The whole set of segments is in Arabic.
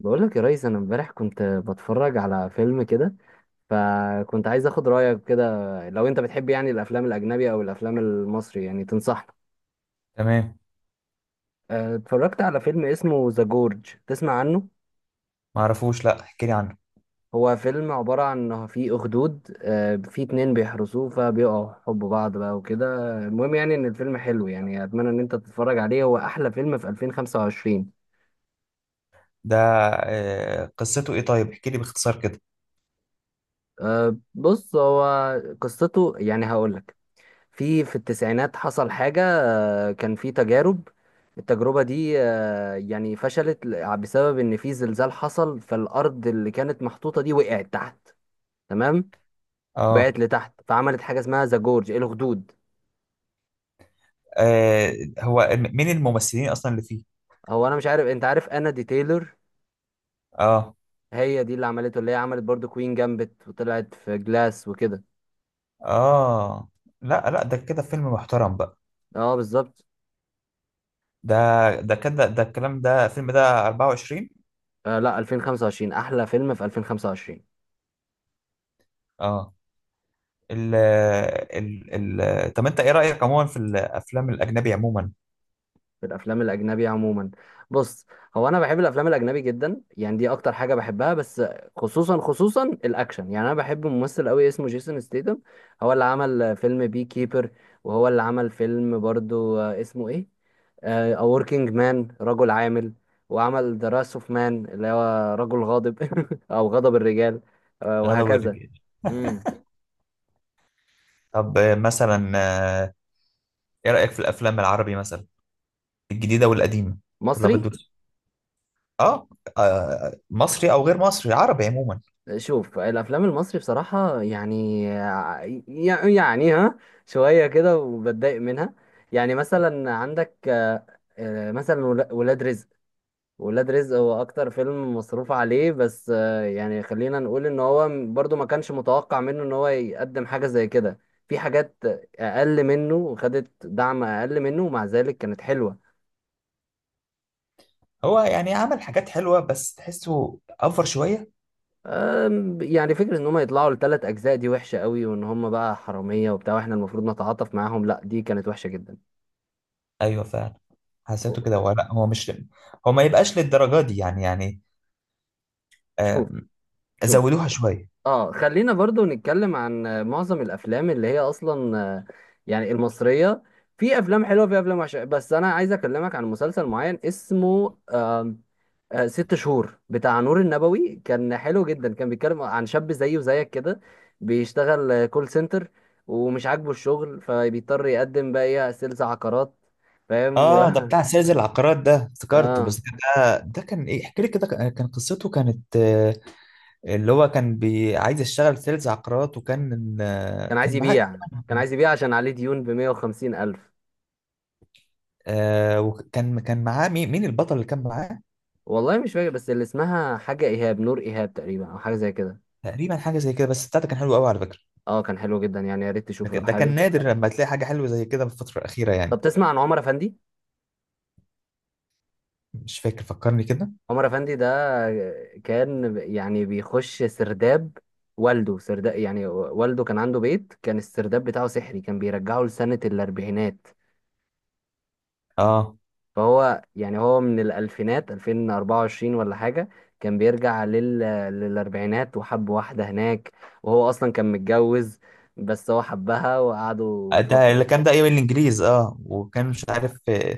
بقول لك يا ريس، انا امبارح كنت بتفرج على فيلم كده. فكنت عايز اخد رايك كده، لو انت بتحب يعني الافلام الاجنبيه او الافلام المصري يعني تنصحني. تمام. اتفرجت على فيلم اسمه ذا جورج. تسمع عنه؟ ما اعرفوش، لا احكي لي عنه. هو فيلم عباره عن إن في اخدود، في اتنين بيحرسوه، فبيقعوا حب بعض بقى وكده. المهم يعني ان الفيلم حلو، يعني اتمنى ان انت تتفرج عليه. هو احلى فيلم في 2025. ده آه، قصته ايه؟ طيب احكي لي باختصار كده. بص هو قصته يعني هقول لك. في التسعينات حصل حاجة. كان في تجارب. التجربة دي يعني فشلت بسبب إن في زلزال حصل، فالأرض اللي كانت محطوطة دي وقعت تحت. تمام. اه، وقعت لتحت، فعملت حاجة اسمها ذا جورج الخدود. آه، هو مين الممثلين اصلا اللي فيه؟ هو أنا مش عارف، أنت عارف أنا دي تايلور؟ اه، هي دي اللي عملته، اللي هي عملت برضو كوين جامبت وطلعت في جلاس وكده. اه، لا لا، ده كده فيلم محترم بقى. اه بالظبط. ده ده كده، ده الكلام، ده الفيلم ده 24. آه لا، 2025 أحلى فيلم في 2025. اه، ال ال ال طب انت ايه رأيك عموما في الافلام الاجنبي عموما؟ في الافلام الاجنبي عموما، بص هو انا بحب الافلام الاجنبي جدا، يعني دي اكتر حاجه بحبها. بس خصوصا خصوصا الاكشن، يعني انا بحب ممثل قوي اسمه جيسون ستيتم. هو اللي عمل فيلم بي كيبر، وهو اللي عمل فيلم برضو اسمه ايه، A Working Man، رجل عامل. وعمل The Wrath of Man، اللي هو رجل غاضب. او غضب الرجال. غدا وهكذا. ورجال. امم طب مثلا، آه، ايه رأيك في الافلام العربي مثلا، الجديدة والقديمة؟ ولا مصري. بدو؟ اه، مصري او غير مصري، عربي عموما. شوف الافلام المصري بصراحه، يعني يعني ها شويه كده، وبتضايق منها. يعني مثلا عندك، مثلا ولاد رزق. ولاد رزق هو اكتر فيلم مصروف عليه، بس يعني خلينا نقول ان هو برضو ما كانش متوقع منه ان هو يقدم حاجه زي كده. في حاجات اقل منه، وخدت دعم اقل منه، ومع ذلك كانت حلوه. هو يعني عمل حاجات حلوه، بس تحسه افر شويه. يعني فكرة ان هم يطلعوا لثلاث اجزاء دي وحشة قوي، وان هم بقى حرامية وبتاع، واحنا المفروض نتعاطف معاهم، لا دي كانت وحشة جدا. ايوه فعلا، حسيته كده. هو لا، هو مش، هو ما يبقاش للدرجه دي يعني آه، شوف. شوف. زودوها شويه. اه خلينا برضو نتكلم عن معظم الافلام اللي هي اصلا، يعني المصرية. في افلام حلوة، في افلام وحشة، بس انا عايز اكلمك عن مسلسل معين اسمه 6 شهور بتاع نور النبوي. كان حلو جدا، كان بيتكلم عن شاب زيي وزيك كده، بيشتغل كول سنتر، ومش عاجبه الشغل، فبيضطر يقدم بقى ايه سيلز عقارات، فاهم اه، ده بتاع سيد العقارات ده، افتكرته. اه. بس كان ده كان ايه، احكي لي كده. كان قصته كانت اللي هو كان عايز يشتغل سيلز عقارات، وكان كان عايز كان معاه. يبيع. كان عايز يبيع عشان عليه ديون ب 150 ألف. وكان معاه، مين البطل اللي كان معاه؟ والله مش فاكر، بس اللي اسمها حاجة إيهاب، نور إيهاب تقريبا أو حاجة زي كده. تقريبا حاجه زي كده، بس بتاعته كان حلو قوي على فكره. اه، كان حلو جدا، يعني يا ريت ده تشوفه لو كان ده كان حابب. نادر لما تلاقي حاجة حلوة زي كده في الفترة الأخيرة يعني. طب تسمع عن عمر أفندي؟ مش فاكر، فكرني كده. عمر افندي ده كان يعني بيخش سرداب، والده سرداب. يعني والده كان عنده بيت، كان السرداب بتاعه سحري، كان بيرجعه لسنة الأربعينات. اه، فهو يعني هو من الألفينات، 2024 ولا حاجة، كان بيرجع لل... للأربعينات، وحب واحدة هناك. وهو أصلا كان متجوز، بس هو حبها وقعدوا ده فترة. اللي كان، ده أيام الإنجليز. اه، وكان مش عارف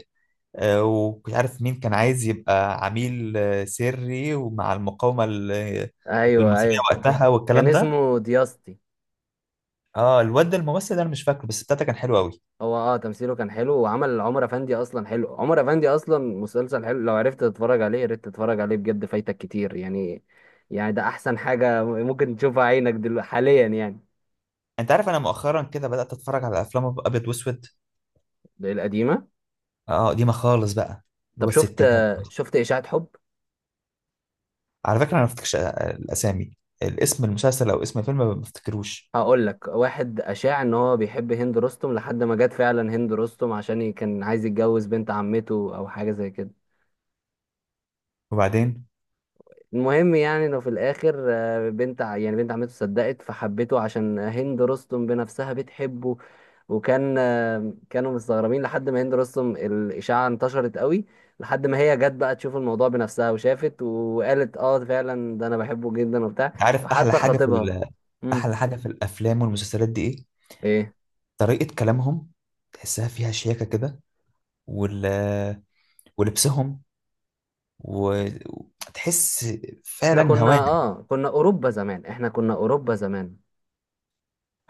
ومش عارف مين كان عايز يبقى عميل سري، ومع المقاومة أيوه المصرية أيوه. وقتها كان والكلام ده. اسمه دياستي. اه الواد ده الممثل ده انا مش فاكره، بس بتاعته كان حلو قوي. هو تمثيله كان حلو، وعمل عمر افندي اصلا حلو. عمر افندي اصلا مسلسل حلو، لو عرفت تتفرج عليه يا ريت تتفرج عليه بجد، فايتك كتير يعني. يعني ده احسن حاجة ممكن تشوفها عينك دلوقتي حاليا يعني. انت عارف انا مؤخرا كده بدأت اتفرج على افلام ابيض واسود. ده القديمة. اه، قديمة خالص بقى، اللي هو طب شفت الستينات. شفت اشاعة حب؟ على فكرة انا ما بفتكرش الاسامي، الاسم، المسلسل او اسم الفيلم، ما بفتكروش. هقول لك واحد اشاع ان هو بيحب هند رستم، لحد ما جت فعلا هند رستم، عشان كان عايز يتجوز بنت عمته او حاجة زي كده. وبعدين، المهم يعني انه في الاخر، بنت يعني بنت عمته صدقت فحبته، عشان هند رستم بنفسها بتحبه. وكان، كانوا مستغربين لحد ما هند رستم الاشاعه انتشرت قوي، لحد ما هي جت بقى تشوف الموضوع بنفسها، وشافت وقالت اه فعلا، ده انا بحبه جدا وبتاع. انت عارف احلى وحتى حاجه في خطيبها. امم احلى حاجه في الافلام والمسلسلات دي ايه؟ ايه. طريقه كلامهم، تحسها فيها شياكه كده، وال... ولبسهم، و- وتحس احنا فعلا كنا هوانم، كنا اوروبا زمان، احنا كنا اوروبا زمان.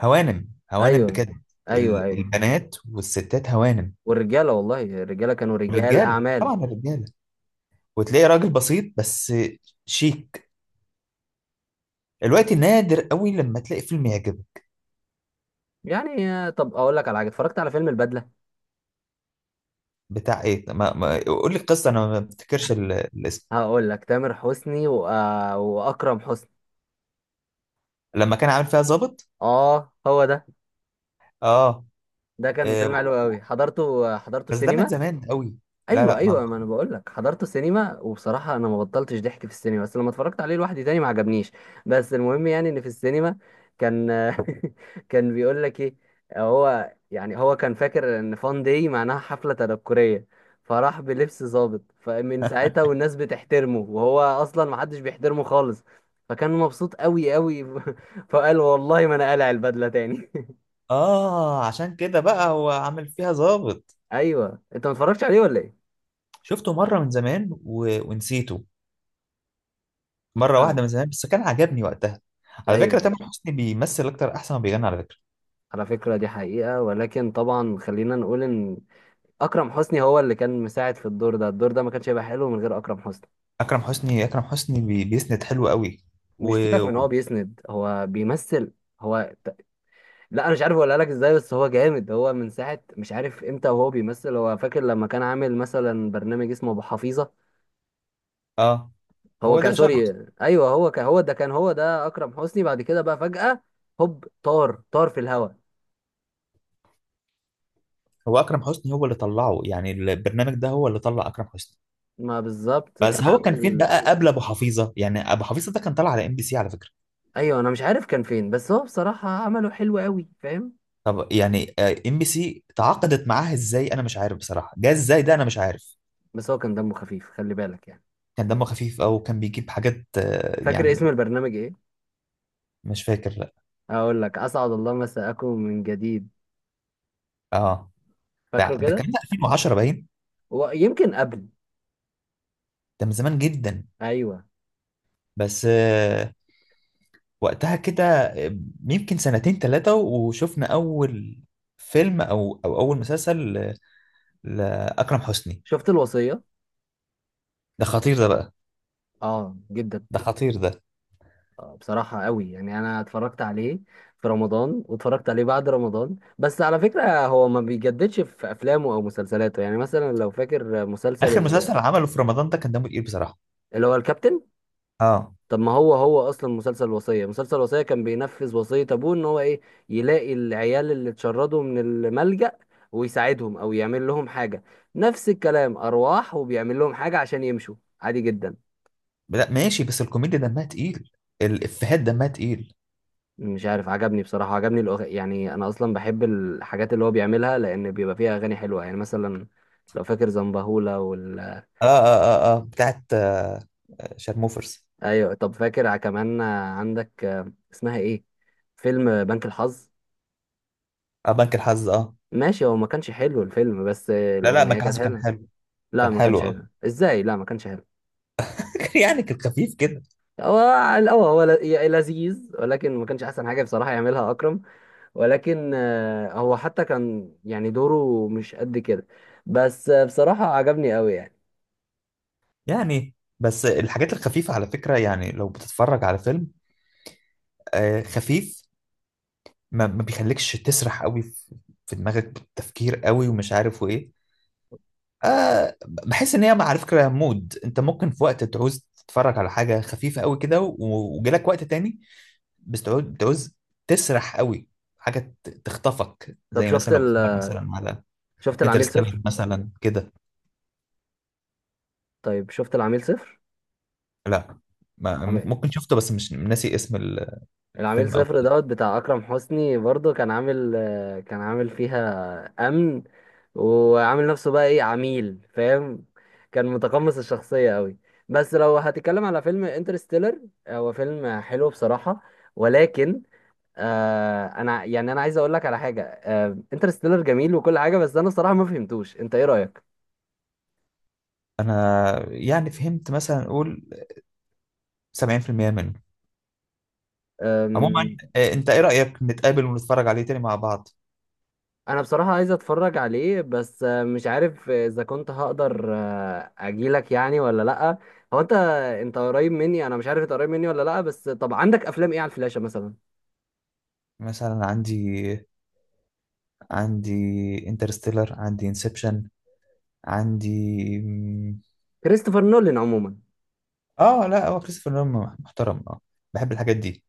هوانم، هوانم ايوه. بجد. ايوه ايوه. البنات والستات هوانم، والرجاله والله الرجاله كانوا رجال والرجاله اعمال. طبعا الرجاله. وتلاقي راجل بسيط بس شيك. الوقت نادر قوي لما تلاقي فيلم يعجبك. يعني طب اقول لك على حاجه، اتفرجت على فيلم البدله. بتاع ايه؟ ما... ما... قول لي القصه، انا ما بفتكرش الاسم. هقول لك تامر حسني و... واكرم حسني. لما كان عامل فيها ظابط. اه هو ده. اه، ده كان آه، فيلم حلو قوي، حضرته بس ده من سينما. زمان قوي. لا ايوه لا، ما. ايوه. ما انا بقول لك حضرته سينما، وبصراحه انا ما بطلتش ضحك في السينما، بس لما اتفرجت عليه لوحدي تاني ما عجبنيش. بس المهم يعني ان في السينما كان كان بيقول لك ايه. هو يعني هو كان فاكر ان فان داي معناها حفله تنكريه، فراح بلبس ظابط، فمن ساعتها والناس بتحترمه، وهو اصلا ما حدش بيحترمه خالص، فكان مبسوط قوي قوي فقال والله ما انا قالع البدله تاني اه، عشان كده بقى هو عامل فيها ظابط. ايوه، انت ما اتفرجتش عليه ولا ايه؟ شفته مره من زمان ونسيته. مره آه. واحده من زمان، بس كان عجبني وقتها. على فكره ايوه، تامر حسني بيمثل اكتر احسن ما بيغني، على فكره. على فكرة دي حقيقة، ولكن طبعا خلينا نقول ان اكرم حسني هو اللي كان مساعد في الدور ده. الدور ده ما كانش هيبقى حلو من غير اكرم حسني. اكرم حسني، اكرم حسني بيسند حلو قوي و... مش سيبك من و... هو بيسند، هو بيمثل. هو لا انا مش عارف اقولها لك ازاي، بس هو جامد. هو من ساعة مش عارف امتى وهو بيمثل. هو فاكر لما كان عامل مثلا برنامج اسمه ابو حفيظة. اه، هو هو ده كان اللي شهره سوري. أصلاً. ايوه، هو ده اكرم حسني، بعد كده بقى فجأة هوب طار طار في الهواء. هو اكرم حسني هو اللي طلعه يعني، البرنامج ده هو اللي طلع اكرم حسني. ما بالظبط كان بس هو كان فين عامل. بقى قبل ابو حفيظه؟ يعني ابو حفيظه ده كان طالع على ام بي سي على فكره. ايوه انا مش عارف كان فين، بس هو بصراحة عمله حلو قوي، فاهم. طب يعني ام بي سي تعاقدت معاها ازاي؟ انا مش عارف بصراحه، جه ازاي ده، انا مش عارف. بس هو كان دمه خفيف، خلي بالك يعني. كان دمه خفيف، او كان بيجيب حاجات فاكر يعني. اسم البرنامج ايه؟ مش فاكر، لا. هقول لك: اسعد الله مساءكم من جديد. اه، ده فاكره ده كان كده؟ 2010 باين، ويمكن قبل. ده من زمان جدا. ايوه. بس وقتها كده، يمكن سنتين ثلاثه، وشفنا اول فيلم او اول مسلسل لاكرم حسني. شفت الوصيه؟ ده خطير ده بقى، اه جدا. ده خطير ده. بصراحه قوي، يعني انا اتفرجت عليه في رمضان، واتفرجت عليه بعد رمضان. بس على فكره هو ما بيجددش في افلامه او مسلسلاته. يعني مثلا لو فاكر مسلسل اخر مسلسل عمله في رمضان ده كان دمه تقيل بصراحه. اللي هو الكابتن. اه، طب ما هو، هو اصلا مسلسل الوصيه، مسلسل الوصيه كان بينفذ وصيه ابوه، ان هو ايه يلاقي العيال اللي اتشردوا من الملجأ، ويساعدهم او يعمل لهم حاجه. نفس الكلام ارواح، وبيعمل لهم حاجه عشان يمشوا. عادي جدا. لا ماشي، بس الكوميديا دمها تقيل، الافيهات دمها تقيل. مش عارف عجبني بصراحه، عجبني يعني انا اصلا بحب الحاجات اللي هو بيعملها، لان بيبقى فيها اغاني حلوه. يعني مثلا لو فاكر زنبهولة اه، اه، اه، اه، بتاعت شارموفرز. ايوه طب فاكر كمان عندك اسمها ايه، فيلم بنك الحظ. اه، بنك الحظ، اه. ماشي، هو ما كانش حلو الفيلم، بس لا لا، الاغنيه بنك كانت الحظ كان حلوه. حلو، لا كان ما حلو كانش اه. حلو، ازاي؟ لا ما كانش حلو. يعني كان خفيف كده هو على الاول هو لذيذ، ولكن ما كانش احسن حاجه بصراحه يعملها اكرم. ولكن هو حتى كان يعني دوره مش قد كده. بس بصراحه عجبني قوي يعني. يعني. بس الحاجات الخفيفة على فكرة، يعني لو بتتفرج على فيلم خفيف، ما بيخليكش تسرح قوي في دماغك بالتفكير قوي، ومش عارف وايه. بحس ان هي على فكرة مود، انت ممكن في وقت تعوز تتفرج على حاجة خفيفة قوي كده، وجالك وقت تاني بتعوز تسرح قوي، حاجة تخطفك، طب زي شفت مثلا لو بتتفرج مثلا على شفت العميل انترستيلر صفر. مثلا كده. طيب شفت العميل صفر؟ لا، ما م- ممكن شفته، بس مش ناسي اسم العميل الفيلم صفر أوي. دوت بتاع اكرم حسني، برضه كان عامل كان عامل فيها امن، وعامل نفسه بقى ايه عميل، فاهم. كان متقمص الشخصيه قوي. بس لو هتتكلم على فيلم انترستيلر، هو فيلم حلو بصراحه، ولكن انا عايز اقول لك على حاجه. انترستيلر جميل وكل حاجه، بس انا بصراحه ما فهمتوش، انت ايه رايك؟ أنا يعني فهمت مثلا نقول 70% منه عموما. أنت إيه رأيك نتقابل ونتفرج عليه تاني مع بعض؟ انا بصراحة عايز اتفرج عليه، بس مش عارف اذا كنت هقدر اجيلك، يعني ولا لا. هو انت قريب مني، انا مش عارف انت قريب مني ولا لا، بس طب عندك افلام ايه على الفلاشة مثلا؟ مثلا عندي انترستيلر، عندي انسبشن، عندي مم، كريستوفر نولان عموما. اه، لا هو كريستوفر نولان محترم، اه بحب الحاجات دي.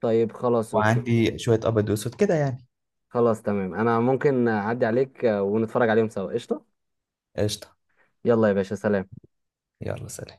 طيب خلاص، اوكي. وعندي شوية أبيض وأسود كده يعني. خلاص تمام، انا ممكن اعدي عليك ونتفرج عليهم سوا، قشطة. قشطة. يلا يا باشا، سلام. يلا سلام.